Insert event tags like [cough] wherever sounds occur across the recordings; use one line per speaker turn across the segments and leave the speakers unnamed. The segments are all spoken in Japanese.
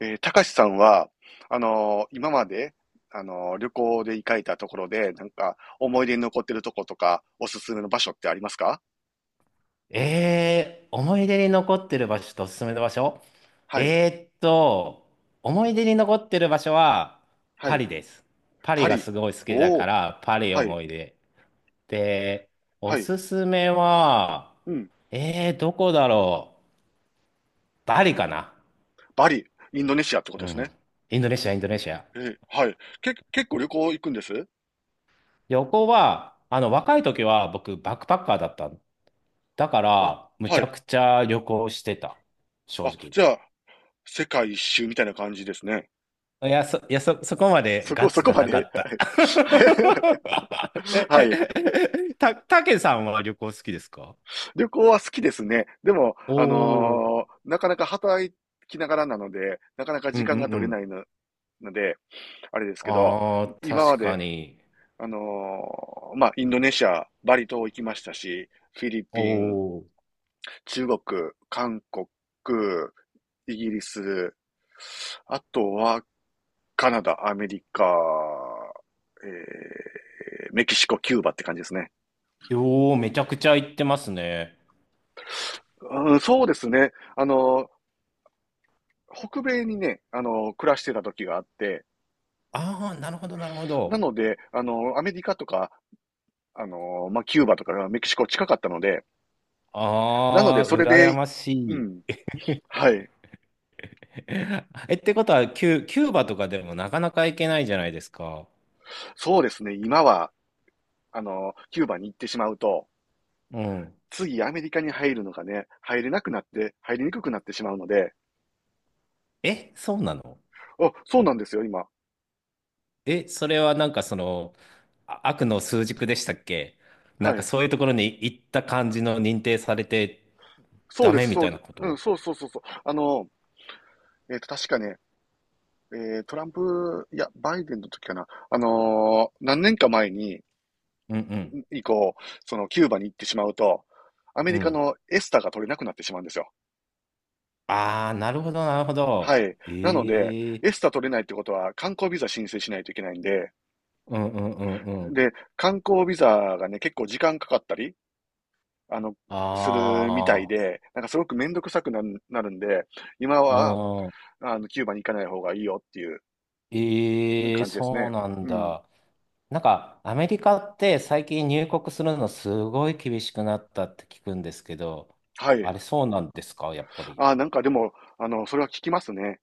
たかしさんは、今まで、旅行で行かれたところで、なんか、思い出に残ってるとことか、おすすめの場所ってありますか？
思い出に残ってる場所とおすすめの場所。
はい、
えーっと、思い出に残ってる場所は
は
パ
い。
リです。パリ
パ
が
リ。
すごい好きだ
お
か
お、
ら、パリ
はい、
思い出。で、お
はい。
すすめは、
うん。
どこだろう。バリかな。
バリ、インドネシアってこと
う
です
ん。
ね。
インドネシア、インドネシア。
はい。結構旅行行くんです
旅行は、若い時は僕、バックパッカーだったの。だか
あ、
ら、む
は
ちゃ
い。
くちゃ旅行してた。正
あ、
直。
じゃあ、世界一周みたいな感じですね。
いや、そこまで
そこ、
ガッ
そ
ツ
こ
が
ま
なか
で。
った。
はい。
[laughs]
[laughs] はい、はい。
たけさんは旅行好きですか？
旅行は好きですね。でも、
おおー。
なかなか働きながらなので、なかなか
うん
時
う
間が
んう
取れな
ん。
いので、あれですけど、
ああ、
今ま
確か
で、
に。
あのまあ、インドネシア、バリ島行きましたし、フィリ
お
ピン、
お。
中国、韓国、イギリス、あとは、カナダ、アメリカ、えーメキシコ、キューバって感じですね。
よー、めちゃくちゃ行ってますね。
うん、そうですね。北米にね、暮らしてた時があって、
ああ、なるほど、なるほ
な
ど。
ので、アメリカとか、まあ、キューバとかメキシコ近かったので、
ああ、
それ
羨
で、
まし
う
い。
ん、はい。
[laughs] え、ってことは、キューバとかでもなかなか行けないじゃないですか。
そうですね、今は、キューバに行ってしまうと、
うん。
次アメリカに入るのがね、入れなくなって、入りにくくなってしまうので、
え、そうなの？
あ、そうなんですよ、今。
え、それはなんかあ、悪の枢軸でしたっけ？なん
は
か
い。
そういうところに行った感じの認定されて
そう
ダ
で
メ
す、
み
そ
たいな
う、
こ
うん、
と？
そうそうそうそう。確かね、トランプ、いや、バイデンの時かな。何年か前に、
うんうん。
以降、そのキューバに行ってしまうと、アメ
う
リカ
ん。
のエスタが取れなくなってしまうんですよ。
ああ、なるほど、なるほ
は
ど。
い。なので、
ええ、
エスタ取れないってことは観光ビザ申請しないといけないんで、
うんうんうんうん。
で、観光ビザがね、結構時間かかったり、あの、
あ
するみたいで、なんかすごくめんどくさくなるんで、今は、
あ、うん。
キューバに行かない方がいいよっていう
ええ、
感じです
そう
ね。
なん
うん。
だ。なんかアメリカって最近入国するのすごい厳しくなったって聞くんですけど、
は
あ
い。
れそうなんですか、やっぱり。
あ、なんかでも、それは聞きますね。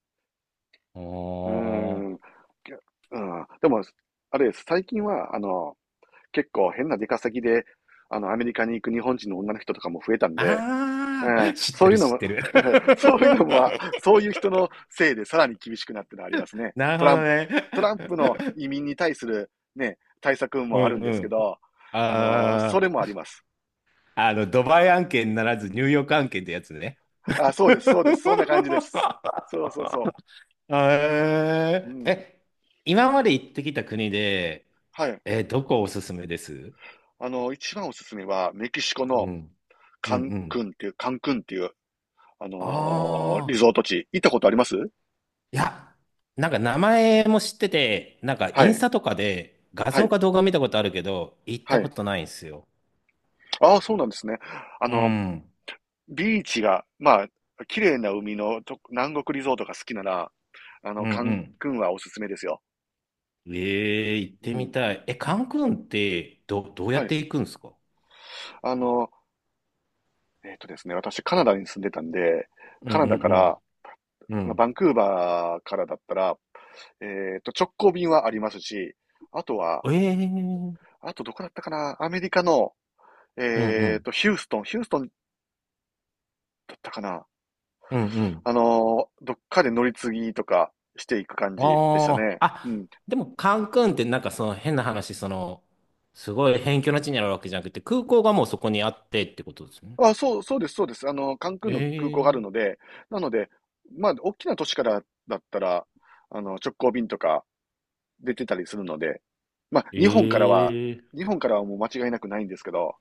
う
うー
ー
ん。
ん。
うん。でも、あれです。最近は、結構変な出稼ぎで、アメリカに行く日本人の女の人とかも増えたんで、う
あ
ん、
あ、知っ
そ
て
ういう
る、
の
知っ
も、
てる。
[laughs] そういうのは、
[laughs]
そういう人のせいでさらに厳しくなってるのはありますね。
なる
ト
ほ
ラ
ど
ンプ、
ね。
トランプの移民に対するね、対策
う
もあ
ん
るんで
う
すけ
ん。
ど、あのそれ
あ
もあります。
あ、あの、ドバイ案件ならずニューヨーク案件ってやつね。
あ、そうです、そうで
[laughs]
す、そんな感じです。そうそうそう。う
えー
ん。
え、今まで行ってきた国で、
はい。
どこおすすめです？
一番おすすめは、メキシコ
う
の
ん。う
カ
ん
ン
う
ク
ん。
ンっていう、カンクンっていう、
あ
リ
あ、
ゾート地。行ったことあります
いや、なんか名前も知ってて、なんかイ
は
ンス
い、
タとかで画
は
像
い、
か動画見たことあるけど、行っ
は
たこ
い。
とないんですよ。
ああ、そうなんですね。あ
う
の、
ん。
ビーチが、まあ、綺麗な海のと南国リゾートが好きなら、
うんう
カン
ん。
クンはおすすめですよ。
ええ、行っ
う
てみ
ん。
たい。え、カンクンってど、どうや
は
っ
い。
て行くんですか？
あの、えっとですね、私カナダに住んでたんで、
うん
カ
う
ナダか
ん
ら、
うん。う
バン
ん。
クーバーからだったら、直行便はありますし、あとは、
ええ、うん
あとどこだったかな、アメリカの、
うん。
ヒューストンだったかな、
うんうん。
どっかで乗り継ぎとかしていく感じでした
あ
ね。
あ。
う
あ、
ん。
でもカンクンってなんか変な話、すごい辺境の地にあるわけじゃなくて、空港がもうそこにあってってことですね。
あ、そう、そうです、そうです。カンクンの空港がある
ええ、
ので、なので、まあ、大きな都市からだったら、直行便とか出てたりするので、まあ、
え
日本からは、
え。
日本からはもう間違いなくないんですけど、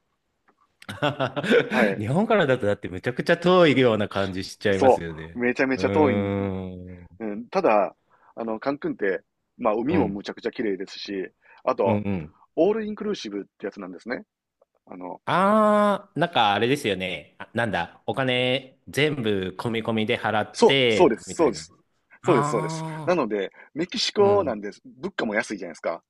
は
[laughs]
い、
日本からだとだってめちゃくちゃ遠いような感じしちゃいます
そ
よ
う、
ね。
めちゃめ
う
ちゃ遠いん、
ーん。
うん、ただ、カンクンって、まあ、
う
海も
ん。
むちゃくちゃ綺麗ですし、あ
うん
と、
うん。
オールインクルーシブってやつなんですね。あの、
ああ、なんかあれですよね。あ、なんだ、お金全部込み込みで払っ
そう、そうで
て、
す、
み
そ
た
う
い
で
な。
す。そうです、そうです。
あ
な
あ、
ので、メキシ
う
コなん
ん。
です。物価も安いじゃないですか。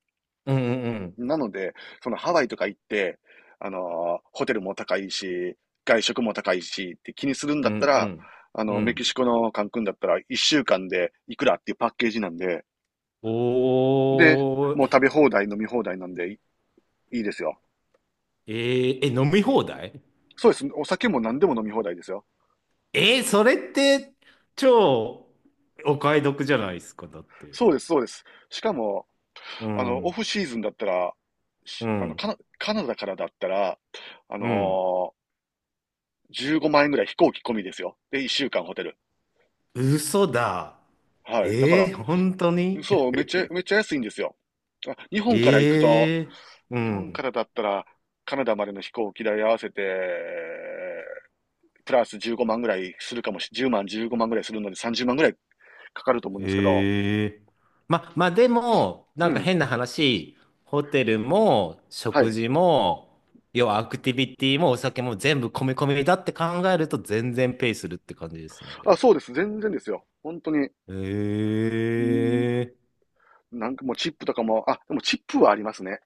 うんうんうん。
なので、そのハワイとか行って、あのホテルも高いし、外食も高いしって気にするん
う
だ
ん
った
う
ら、
ん。う
メキシ
ん。
コのカンクンだったら1週間でいくらっていうパッケージなんで、で、
お
もう
ー。
食べ放題、飲み放題なんでいいですよ。
飲み放題？
そうです。お酒も何でも飲み放題ですよ。
それって超お買い得じゃないですか、だって。
そうです、そうです。しかも、
う
オ
ん、
フシーズンだったら、
う
しあの、
ん、
カナ、カナダからだったら、あ
うん。
の15万円ぐらい飛行機込みですよ。で、1週間ホテル。
嘘だ。
はい。だから、
本当に？
そう、めっちゃ、めっちゃ安いんですよ。あ、日
[laughs]
本から行くと、
えう
日本か
ん。
らだったら、カナダまでの飛行機代合わせて、プラス15万ぐらいするかもし、10万、15万ぐらいするので30万ぐらいかかると思うんですけど、
へえ。まあでも、
う
なんか
ん。
変な話、ホテルも
は
食
い。
事も、要はアクティビティもお酒も全部込み込みだって考えると全然ペイするって感じですんじゃ
あ、
あ。
そうです。全然ですよ。本当に、うーん、
ええ。
なんかもうチップとかも、あ、でもチップはありますね。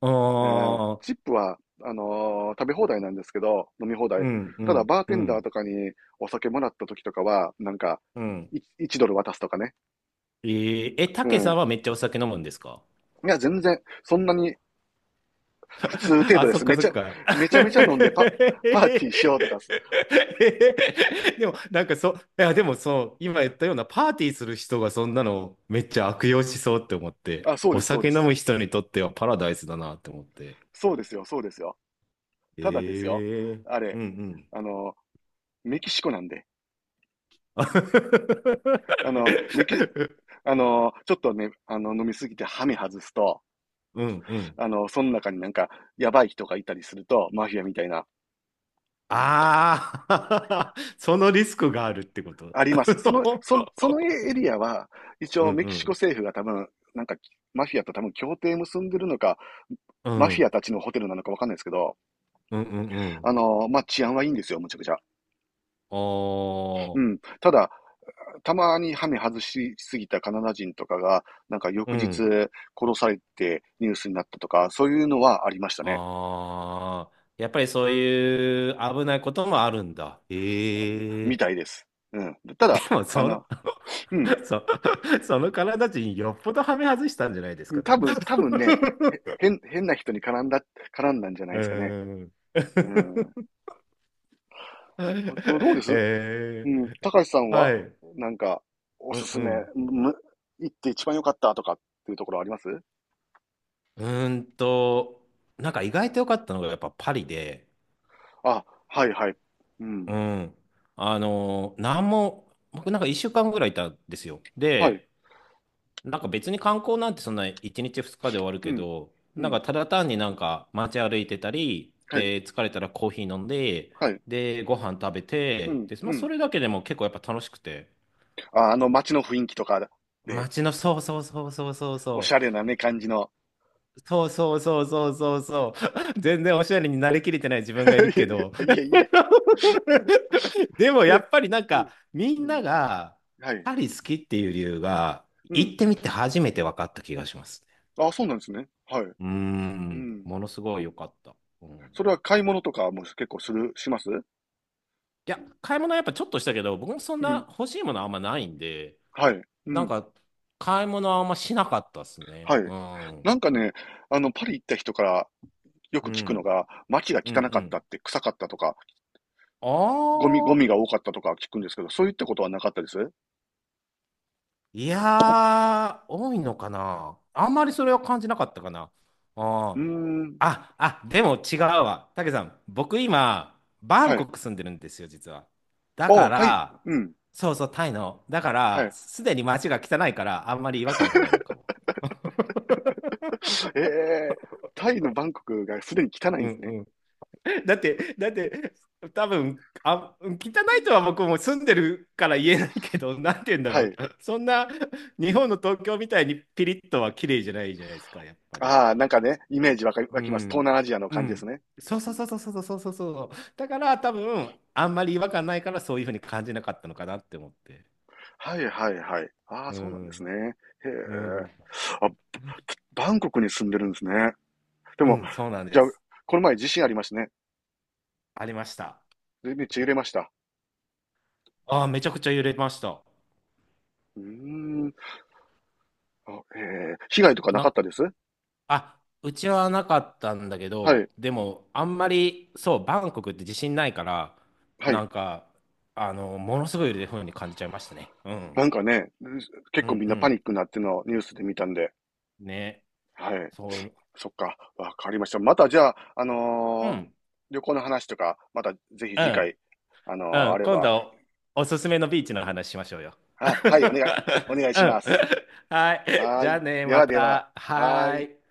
ああ、
チップは、食べ放題なんですけど、飲み放
う
題。
ん、う
ただ、
ん、
バー
う
テンダー
ん、
とかにお酒もらった時とかは、なんか、
うん。
1ドル渡すとかね。
た
う
けさん
ん。
はめっちゃお酒飲むんですか？
いや、全然、そんなに普通
[laughs]
程
あ、
度で
そっ
す。
か
め
そ
ち
っ
ゃ、
か。
めちゃめちゃ飲んで
[laughs]
パーティーしようとかす。
でも、なんかそう、いや、でもそう、今言ったようなパーティーする人がそんなのめっちゃ悪用しそうって思って、
あ、そう
お
です、そう
酒
で
飲
す。
む人にとってはパラダイスだなって思って。
そうですよ、そうですよ。ただですよ。
ええ。
あ
う
れ、
んうん。
あの、メキシコなんで。あの、メキ、
[laughs]
あの、ちょっとね、飲みすぎてハメ外すと、
うんうん。
その中になんか、やばい人がいたりすると、マフィアみたいな、
ああ。 [laughs] そのリスクがあるってこと。
あります。
[laughs]
そのエリアは、一
う
応
ん
メ
う
キシコ
ん。
政府が多分、なんか、マフィアと多分協定結んでるのか、
う
マフィア
ん
たちのホテルなのかわかんないですけど、
うんうんうん。
まあ、治安はいいんですよ、むちゃくちゃ。
あ
う
あ。
ん。ただ、たまにハメ外しすぎたカナダ人とかが、なんか
う
翌日
ん。
殺されてニュースになったとか、そういうのはありましたね。
ああ、やっぱりそういう危ないこともあるんだ。え
み
え。
たいです。うん。た
で
だ、
も、
あの、うん。
[laughs] そ、その体人よっぽどはめ外したんじゃないですか、で
多
も。
分、多分ね、
[laughs]
変な人に絡んだ、んじゃない
う
ですかね。
ーん。
う
[laughs]
ん。本当どうですう
え
ん。
え、
高橋さん
は
は、
い。
なんか、お
う
す
ん
す
う
め、
ん。
む、行って一番良かったとかっていうところあります
うーんと、なんか意外と良かったのがやっぱパリで、
あ、はいはい。うん。
うん。なんも、僕なんか1週間ぐらいいたんですよ。
はい。
で、なんか別に観光なんてそんな1日2日で終わる
う
け
ん。
ど、
う
なん
ん。
かただ単になんか街歩いてたり、
はい。
で、疲れたらコーヒー飲んで、
はい。
で、ご飯食べ
う
て、
ん。
で、ま
う
あそ
ん。
れだけでも結構やっぱ楽しくて。
あ、あの街の雰囲気とかで、
街の、そうそうそうそうそう
おし
そう。
ゃれなね、感じの。
そうそうそうそうそうそう。[laughs] 全然おしゃれになりきれてない自分がいる
[laughs] い
けど。
えいえいえ。
[laughs] でもや
で、
っぱりなん
う
か
ん。
み
う
んな
ん。
が
はい。
パリ好きっていう理由が
う
行
ん。
ってみて初めて分かった気がします。
あ、そうなんですね。はい。
うー
う
ん、
ん。
ものすごい良かった。う
そ
ん。
れは買い物とかも結構します
いや、買い物はやっぱちょっとしたけど、僕もそん
う
な
ん。
欲しいものあんまないんで、
はい。う
なん
ん。
か、買い物はあんましなかったっすね。
はい。
うん。
なんかね、パリ行った人からよく
う
聞くの
ん。
が、街が
うん、う
汚かったっ
ん。
て、臭かったとか、
あ
ゴミ、ゴ
あ、
ミが多かったとか聞くんですけど、そういったことはなかったですう
いやー、多いのかな。あんまりそれは感じなかったかな。あ
ー
あ。
ん。
あ、でも違うわ。たけさん、僕今、バ
は
ン
い。
コク住んでるんですよ、実は。だ
あ
か
あ、タイ、
ら、
うん。
そうそう、タイの。だか
は
ら、
い。
すでに街が汚いから、あんまり違和感がないのかも。[laughs]
[laughs] ええ、タイのバンコクがすでに汚い
う
んです
ん
ね。
うん。だって、多分、あ、汚いとは僕も住んでるから言えないけど、なんて言うんだ
は
ろう。
い。
そんな、日本の東京みたいにピリッとは綺麗じゃないじゃないですか、やっぱり。
ああ、なんかね、イメージわかり、
う
湧きます。東
ん。
南アジアの
う
感じです
ん。
ね。
そうそうそうそうそうそうそうそう。だから多分、あんまり違和感ないからそういうふうに感じなかったのかなって思って。
はいはいはい。ああ、
う
そうなんですね。
ん。
へ
うん。
え。あ、バンコクに住んでるんですね。で
う
も、
ん、そうなん
じ
で
ゃあ、
す。
この前地震ありましたね。
ありました。
でめっちゃ揺れました。
ああ、めちゃくちゃ揺れました。
うーん。あ、ええ、被害とかな
な
かっ
ん、
たです
あ、うちはなかったんだけ
は
ど、
い。
でも、あんまり、そう、バンコクって地震ないから、
は
な
い。
んか、ものすごい揺れるふうに感じちゃいましたね。う
な
ん。
んかね、結
う
構
ん
みん
う
なパニ
ん。
ックになってるのをニュースで見たんで。
ね。
はい。
そう。
そっか、わかりました。またじゃあ、
うん。
旅行の話とか、またぜひ
う
次
ん。
回、
う
あ
ん、
れ
今
ば、
度おすすめのビーチの話しましょうよ。[laughs]
あ、はい、お願い、お願い
う
しま
ん。
す。
はい。
は
じ
ー
ゃあ
い。
ね、
で
ま
はでは、
た。
は
は
ー
ー
い。
い。